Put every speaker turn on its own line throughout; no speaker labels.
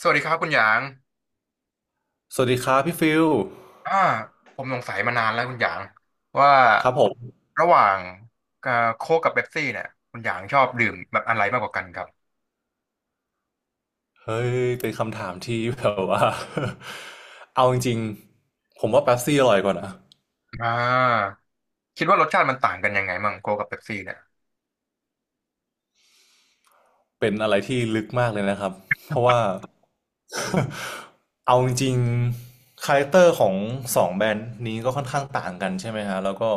สวัสดีครับคุณหยาง
สวัสดีครับพี่ฟิล
อ่าผมสงสัยมานานแล้วคุณหยางว่า
ครับผม
ระหว่างเอ่อโค้กกับเป๊ปซี่เนี่ยคุณหยางชอบดื่มแบบอะไรมากกว่ากันครับ
เฮ้ยเป็นคำถามที่แบบว่า เอาจริงๆผมว่าเป๊ปซี่อร่อยกว่านะ
อ่าคิดว่ารสชาติมันต่างกันยังไงมั่งโค้กกับเป๊ปซี่เนี่ย
เป็นอะไรที่ลึกมากเลยนะครับเพราะว่า เอาจริงๆคาแรคเตอร์ของสองแบรนด์นี้ก็ค่อนข้างต่างกันใช่ไหมฮะแล้วก็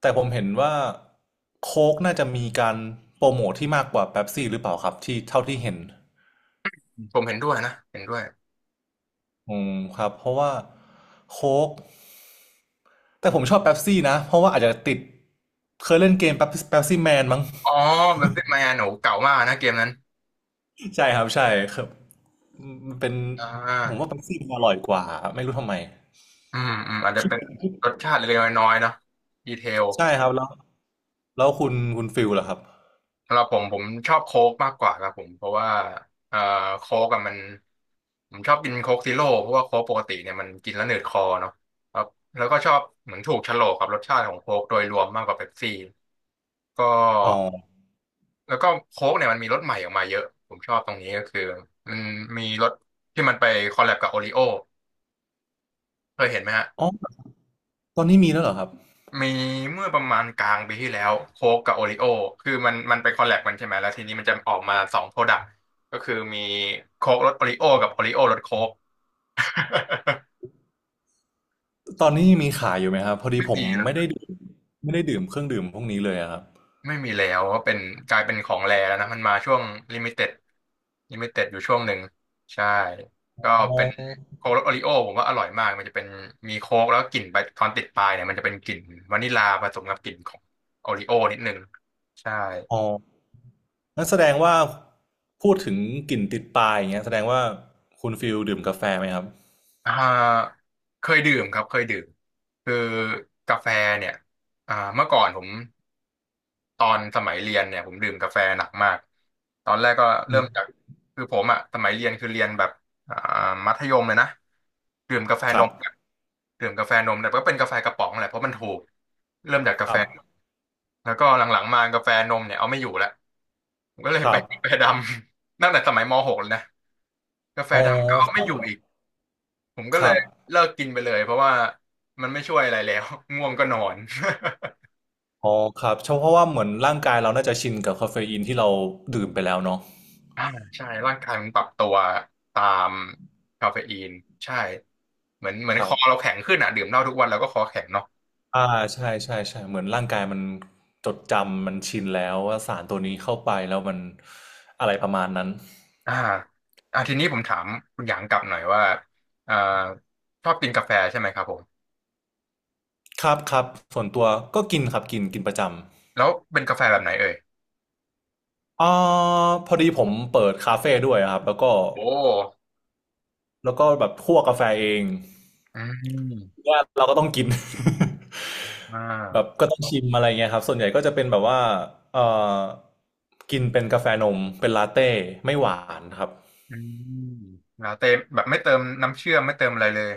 แต่ผมเห็นว่าโค้กน่าจะมีการโปรโมทที่มากกว่าเป๊ปซี่หรือเปล่าครับที่เท่าที่เห็น
ผมเห็นด้วยนะเห็นด้วย
อืมครับเพราะว่าโค้ก แต่ผมชอบเป๊ปซี่นะเพราะว่าอาจจะติดเคยเล่นเกมเป๊ปซี่แมนมั้ง
อ๋อเป๊ปซี่มาโหนูเก่ามากนะเกมนั้น
ใช่ครับใช่ครับมันเป็น
อ่
ผมว่า
า
เป๊ปซี่มันอร่อยกว่าไม่รู้ทำไม
อืมอืมอาจจะเป็นรสชาติเล็กๆน้อยๆเนาะดีเทล
ใช่ครับแล้วแล้วคุณฟิลล่ะครับ
สำหรับผมผมชอบโค้กมากกว่าครับผมเพราะว่าเอ่อโค้กอะมันผมชอบกินโค้กซีโร่เพราะว่าโค้กปกติเนี่ยมันกินแล้วหนืดคอเนาะครับแล้วก็ชอบเหมือนถูกโฉลกกับรสชาติของโค้กโดยรวมมากกว่าเป๊ปซี่ก็
อ๋อ
แล้วก็โค้กเนี่ยมันมีรสใหม่ออกมาเยอะผมชอบตรงนี้ก็คือมันมีรสที่มันไปคอลแลบกับโอริโอเคยเห็นไหมฮะ
อ๋อตอนนี้มีแล้วเหรอครับ
มีเมื่อประมาณกลางปีที่แล้วโค้กกับโอริโอคือมันไปคอลแลบกันใช่ไหมแล้วทีนี้มันจะออกมาสองโปรดักต์ก็คือมีโค้กรสโอริโอกับโอริโอรสโค้ก
ตอนนี้มีขายอยู่ไหมครับพอดี
ไม่
ผม
มีแล้ว
ไม่ได้ดื่มไม่ได้ดื่มเครื่องดื่มพวกนี้เลยอะครับ
ไม่มีแล้วว่าเป็นกลายเป็นของแรแล้วนะมันมาช่วงลิมิเต็ดลิมิเต็ดอยู่ช่วงหนึ่งใช่ก็
อ๋อ
เป็นโค้กรสโอริโอผมว่าอร่อยมากมันจะเป็นมีโค้กแล้วกลิ่นไปตอนติดปลายเนี่ยมันจะเป็นกลิ่นวานิลาผสมกับกลิ่นของโอริโอนิดนึงใช่
อ๋อนั่นแสดงว่าพูดถึงกลิ่นติดปลายอย่างเงี้ยแสดงว่าคุณฟิลดื่มกาแฟไหมครับ
อ่าเคยดื่มครับเคยดื่มคือกาแฟเนี่ยเมื่อก่อนผมตอนสมัยเรียนเนี่ยผมดื่มกาแฟหนักมากตอนแรกก็
อื
เริ่มจา
ม
กคือผมอ่ะสมัยเรียนคือเรียนแบบอ่ามัธยมเลยนะดื่มกาแฟ
ค
น
รับ
มอะดื่มกาแฟนมแต่ก็เป็นกาแฟกระป๋องแหละเพราะมันถูกเริ่มจาก
ค
กาแฟ
รับ
แล้วก็หลังๆมากาแฟนมเนี่ยเอาไม่อยู่แล้วผมก็เลย
ค
ไป
รับ
กาแฟดำ ตั้งแต่สมัยม .6 เลยนะกาแฟ
อ๋อ
ดำก็เอา
ค
ไม่
รั
อยู่
บ
อีก ผมก็
ค
เล
รั
ย
บ
เลิกกินไปเลยเพราะว่ามันไม่ช่วยอะไรแล้ว ง่วงก็นอน
อ๋อครับเพราะว่าเหมือนร่างกายเราน่าจะชินกับคาเฟอีนที่เราดื่มไปแล้วเนาะ
อ่า ใช่ร่างกายมันปรับตัวตามคาเฟอีนใช่เหมือน
ค
ค
รั
อ
บ
เราแข็งขึ้นอ่ะดื่มเหล้าทุกวันเราก็คอแข็งเนาะ
อ่าใช่ใช่ใช่เหมือนร่างกายมันจดจำมันชินแล้วว่าสารตัวนี้เข้าไปแล้วมันอะไรประมาณนั้น
อ่าทีนี้ผมถามคุณหยางกลับหน่อยว่าอ่าชอบกินกาแฟใช่ไหมครับผม
ครับครับส่วนตัวก็กินครับกินกินประจำ
แล้วเป็นกาแฟแบบไหนเอ่ย
อ่าพอดีผมเปิดคาเฟ่ด้วยครับแล้วก็
โอ้
แล้วก็แบบคั่วกาแฟเอง
อืม
เนี่ยเราก็ต้องกิน
อ่
แบบ
า
ก็ต้องชิมอะไรเงี้ยครับส่วนใหญ่ก็จะเป็นแบบว่าเอ่อกินเป็นกาแฟนมเป็นลาเต้ไม่หวานครับ
อืมลาเต้แบบไม่เติมน้ำเชื่อมไม่เติมอะไรเลย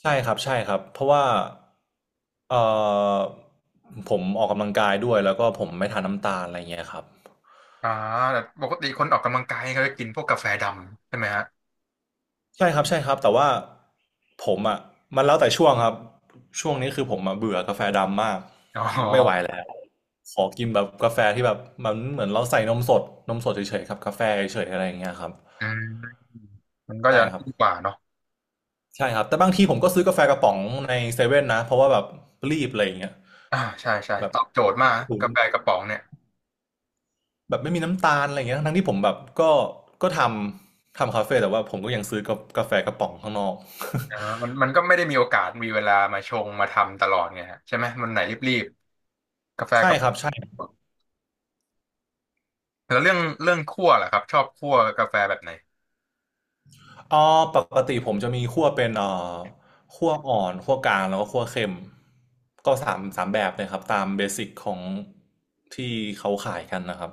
ใช่ครับใช่ครับเพราะว่าเออผมออกกำลังกายด้วยแล้วก็ผมไม่ทานน้ำตาลอะไรเงี้ยครับ
อ่าแต่ปกติคนออกกำลังกายเขาจะกินพวกกาแฟดำใช่ไหมฮะ
ใช่ครับใช่ครับแต่ว่าผมอ่ะมันแล้วแต่ช่วงครับช่วงนี้คือผมอ่ะเบื่อกาแฟดำมาก
อ๋
ไม่ไหวแล้
อ
วขอกินแบบกาแฟที่แบบมันเหมือนเราใส่นมสดนมสดเฉยๆครับกาแฟเฉยๆอะไรอย่างเงี้ยครับ
อืมมันก็
ใช่
จะ
ครับ
ดีกว่าเนาะ
ใช่ครับแต่บางทีผมก็ซื้อกาแฟกระป๋องในเซเว่นนะเพราะว่าแบบรีบอะไรอย่างเงี้ย
ใช่ใช่
แบบ
ตอบโจทย์มาก
ถุง
กาแฟกระป๋องเนี่ย
แบบไม่มีน้ำตาลอะไรอย่างเงี้ยทั้งที่ผมแบบก็ทำคาเฟ่แต่ว่าผมก็ยังซื้อกากาแฟกระป๋องข้างนอก
อ่ามันมันก็ไม่ได้มีโอกาสมีเวลามาชงมาทำตลอดไงฮะใช่ไหมมันไหนรีบๆกาแฟ
ใช่
กระ
ค
ป๋อ
รับ
ง
ใช่
แล้วเรื่องเรื่องคั่วล่ะครับชอบคั่วกาแฟแบบไหน
อ๋อปกติผมจะมีคั่วเป็นคั่วอ่อนคั่วกลางแล้วก็คั่วเค็มก็สามสามแบบเลยครับตามเบสิกของที่เขาขายกันนะครับ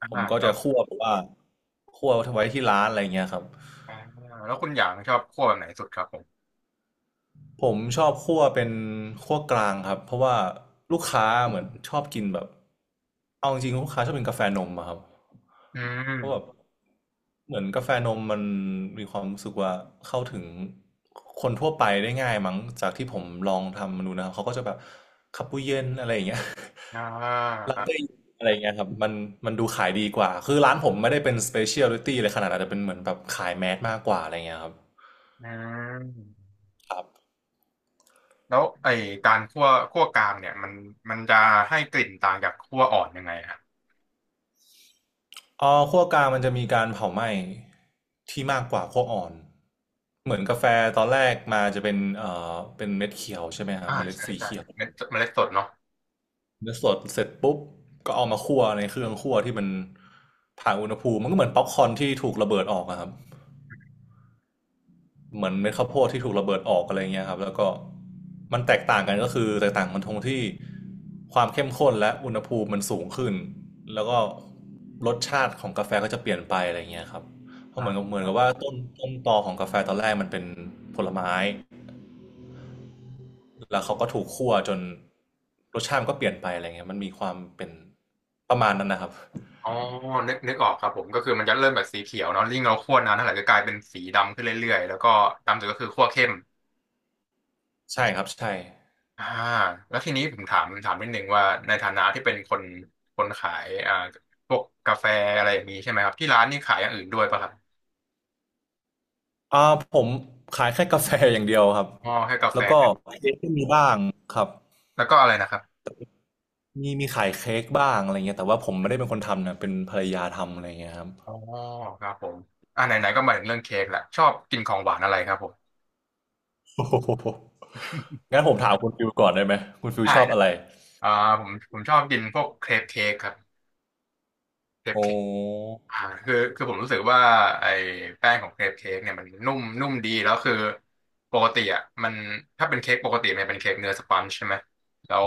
ผมก็
แล้
จะ
ว
คั่วแบบว่าคั่วไว้ที่ร้านอะไรยเงี้ยครับ
อ่าแล้วคุณอย่างชอบคั่วแบบไหนสุดครับผม
ผมชอบคั่วเป็นคั่วกลางครับเพราะว่าลูกค้าเหมือนชอบกินแบบเอาจริงๆลูกค้าชอบกินกาแฟนมอะครับ
อื
เพราะแบบ
ม
เหมือนกาแฟนมมันมีความรู้สึกว่าเข้าถึงคนทั่วไปได้ง่ายมั้งจากที่ผมลองทำมาดูนะครับเขาก็จะแบบคาปูเย็นอะไรอย่างเงี้ย
อ่า
ลา
อ่า
เต้อะไรอย่างเงี้ยครับมันดูขายดีกว่าคือร้านผมไม่ได้เป็นสเปเชียลิตี้เลยขนาดนั้นแต่เป็นเหมือนแบบขายแมสมากกว่าอะไรเงี้ยครับ
อืม
ครับ
แล้วไอการคั่วคั่วกลางเนี่ยมันจะให้กลิ่นต่างจากคั่วอ่อนยังไงครับ
อ๋อคั่วกลางมันจะมีการเผาไหม้ที่มากกว่าคั่วอ่อนเหมือนกาแฟตอนแรกมาจะเป็นเป็นเม็ดเขียวใช่ไหมครับ
อ่า
เมล็ด
ใช่
สี
ใช่
เขียว
เมล็ดสดเนาะ
เนื้อสดเสร็จปุ๊บก็เอามาคั่วในเครื่องคั่วที่มันผ่านอุณหภูมิมันก็เหมือนป๊อปคอร์นที่ถูกระเบิดออกอะครับ เหมือนเม็ดข้าวโพดที่ถูกระเบิดออกอะไรเงี้ยครับแล้วก็มันแตกต่างกันก็คือแตกต่างมันตรงที่ความเข้มข้นและอุณหภูมิมันสูงขึ้นแล้วก็รสชาติของกาแฟก็จะเปลี่ยนไปอะไรเงี้ยครับเพ
ค
ราะ
รั
เหมือน
บ
กับเหมื
ค
อน
รั
กับ
บ
ว่าต้นตอของกาแฟตอนแรกมันเป็นผลไม้แล้วเขาก็ถูกคั่วจนรสชาติมันก็เปลี่ยนไปอะไรเงี้ยมันมีความเป็นประมาณนั้นนะครับ
อ๋อนึกนึกออกครับผมก็คือมันจะเริ่มแบบสีเขียวเนาะยิ่งเราคั่วนานเท่าไหร่ก็กลายเป็นสีดำขึ้นเรื่อยๆแล้วก็ดำสุดก็คือคั่วเข้ม
ใช่ครับใช่
อ่าแล้วทีนี้ผมถามถามนิดนึงว่าในฐานะที่เป็นคนคนขายพวกกาแฟอะไรอย่างนี้ใช่ไหมครับที่ร้านนี่ขายอย่างอื่นด้วยป่ะครับ
อ่าผมขายแค่กาแฟอย่างเดียวครับ
อ๋อแค่กา
แล้
แฟ
วก็เค้กก็มีบ้างครับ
แล้วก็อะไรนะครับ
มีขายเค้กบ้างอะไรเงี้ยแต่ว่าผมไม่ได้เป็นคนทำนะเป็นภรรยาทำอะไรเงี้ยครับ
อ๋อครับผมไหนๆก็มาถึงเรื่องเค้กแหละชอบกินของหวานอะไรครับผม
โอ้โหงั้นผมถามคุณฟิวก่อนได้ไหมคุณฟิว
ได้
ชอบ
นะ
อะไร
อ่าผมผมชอบกินพวกเครปเค้กครับเครป
โอ้
เคก อ่าคือคือผมรู้สึกว่าไอ้แป้งของเครปเค้กเนี่ยมันนุ่มนุ่มดีแล้วคือปกติอ่ะมันถ้าเป็นเค้กปกติมันเป็นเค้กเนื้อสปันจ์ใช่ไหมแล้ว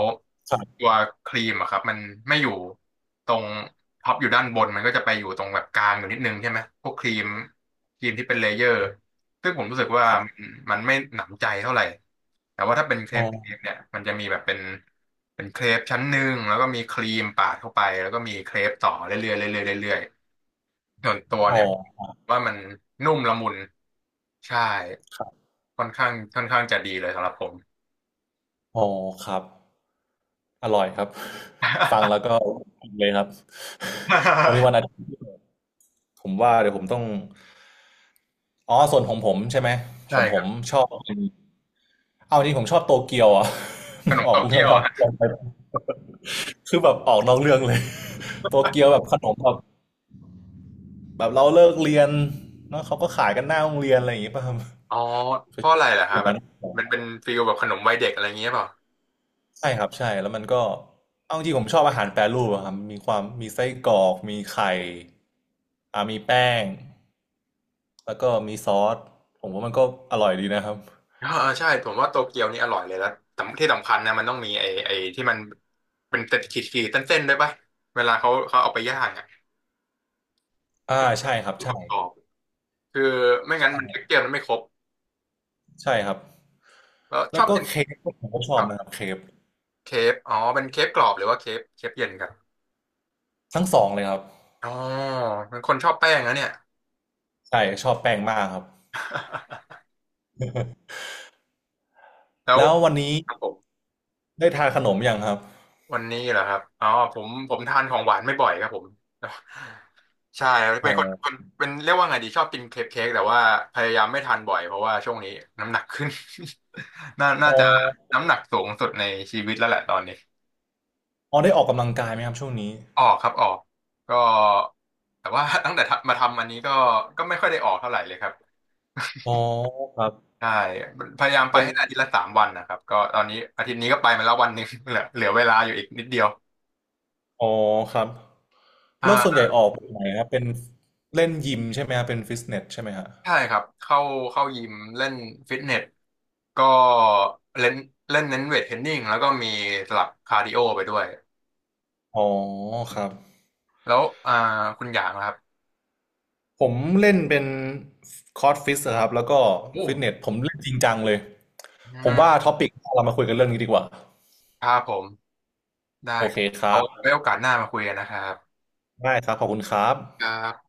ครับ
ตัวครีมอะครับมันไม่อยู่ตรงท็อปอยู่ด้านบนมันก็จะไปอยู่ตรงแบบกลางอยู่นิดนึงใช่ไหมพวกครีมที่เป็นเลเยอร์ซึ่งผมรู้สึกว่า
ครับ
มันไม่หนำใจเท่าไหร่แต่ว่าถ้าเป็นเคร
อ๋
ปเค้ก
อ
เนี่ยมันจะมีแบบเป็นเป็นเครปชั้นหนึ่งแล้วก็มีครีมปาดเข้าไปแล้วก็มีเครปต่อเรื่อยๆเรื่อยๆเรื่อยๆ ส่วนตัว
อ๋
เนี่ย
อ
ว่ามันนุ่มละมุนใช่
ครับ
ค่อนข้างค่อนข้างจะดีเลยสำหรับผม
อ๋อครับอร่อยครับ ฟังแล้ว ก็อิมเลยครับ วันนี้วันอาทิตย์ผมว่าเดี๋ยวผมต้องอ๋อส่วนของผมใช่ไหมข
ใช่
องผ
ครั
ม
บ
ชอบเอาจริงผมชอบโตเกียวอ่ะ
ข
มัน
นม
ออ
โต
กเรื่
เกี
อ
ย
ง
ว
นอ
อะ
ก
ฮะ
เรื่องไปคือแบบออกนอกเรื่องเลย โตเกียวแบบขนมแบบ แบบเราเลิกเรียนเนาะเขาก็ขายกันหน้าโรงเรียนอะไรอย่างงี้ป่ะครับ
อ๋อเพราะอะไรล่ะ
อ
ฮะ
ย่าง
แบ
นั้
บ
น
มันเป็นฟีลแบบขนมวัยเด็กอะไรอย่างเงี้ยเปล่า
ใช่ครับใช่แล้วมันก็เอาจริงผมชอบอาหารแปรรูปอะครับมีความมีไส้กรอกมีไข่มีแป้งแล้วก็มีซอสผมว่ามันก็อร่อยดีนะครับ
เออเออใช่ผมว่าโตเกียวนี่อร่อยเลยแล้วสำที่สำคัญนะมันต้องมีไอ้ที่มันเป็นเต็ดขีดขีดเส้นๆด้วยป่ะเวลาเขาเอาไปย่างอ่ะ
อ่าใช่ครับใช่
กรอบๆคือไม่งั้นมันเท็
ใช่
กเจอร์มันไม่ครบ
ใช่ครับ
แล้วช
แล้ว
อบ
ก็
กิน
เค้กผมก็ชอ
ค
บ
รับ
นะครับเค้ก
เคฟอ๋อเป็นเคฟกรอบหรือว่าเคฟเคฟเย็นครับ
ทั้งสองเลยครับ
อ๋อเป็นคนชอบแป้งนะเนี่ย
ใช่ชอบแป้งมากครับ
แล้ว
แล้ววันนี้
ครับผม
ได้ทานขนมยังครับ
วันนี้เหรอครับอ๋อผมผมทานของหวานไม่บ่อยครับผมใช่
อ๋
เป็
อ
นคนคนเป็นเรียกว่าไงดีชอบกินเคปเค้กแต่ว่าพยายามไม่ทานบ่อยเพราะว่าช่วงนี้น้ำหนักขึ้น น่า
อ๋
น่า
อ
จะน้ำหนักสูงสุดในชีวิตแล้วแหละตอนนี้
อ๋อได้ออกกำลังกายไหมครับช่วงนี้
ออกครับออกก็แต่ว่า ตั้งแต่ทำมาทำอันนี้ก็ก็ไม่ค่อยได้ออกเท่าไหร่เลยครับ
อ๋อครับ
ใช่พยายามไป
เป็น
ให้ได้อาทิตย์ละสามวันนะครับก็ตอนนี้อาทิตย์นี้ก็ไปมาแล้ววันหนึ่ง เหลือเวลาอยู่อีกนิดเดียว
อ๋อครับ
อ่
แล้วส่วน
า
ใหญ่ออกแบบไหนครับเป็นเล่นยิมใช่ไหมครับเป็นฟิตเนสใช่ไหมฮะ
ใช่ครับเข้าเข้ายิมเล่นฟิตเนสก็เล่นเล่นเน้นเวทเทรนนิ่งแล้วก็มีสลับคาร์ดิโอไปด้วย
อ๋อครับ
แล้วคุณหยางนะครับ
ผมเล่นเป็นคอร์สฟิตครับแล้วก็
โอ
ฟิตเนส
้
ผมเล่นจริงจังเลย
อื
ผมว่า
ม
ท็อปิกเรามาคุยกันเรื่องนี้ดีกว่า
ครับผม ได้
โอ
ค
เค
รับ
ครั
เอา
บ
ไว้โอกาสหน้ามาคุยกันนะครับ
ได้ครับขอบคุณครับ
ครับ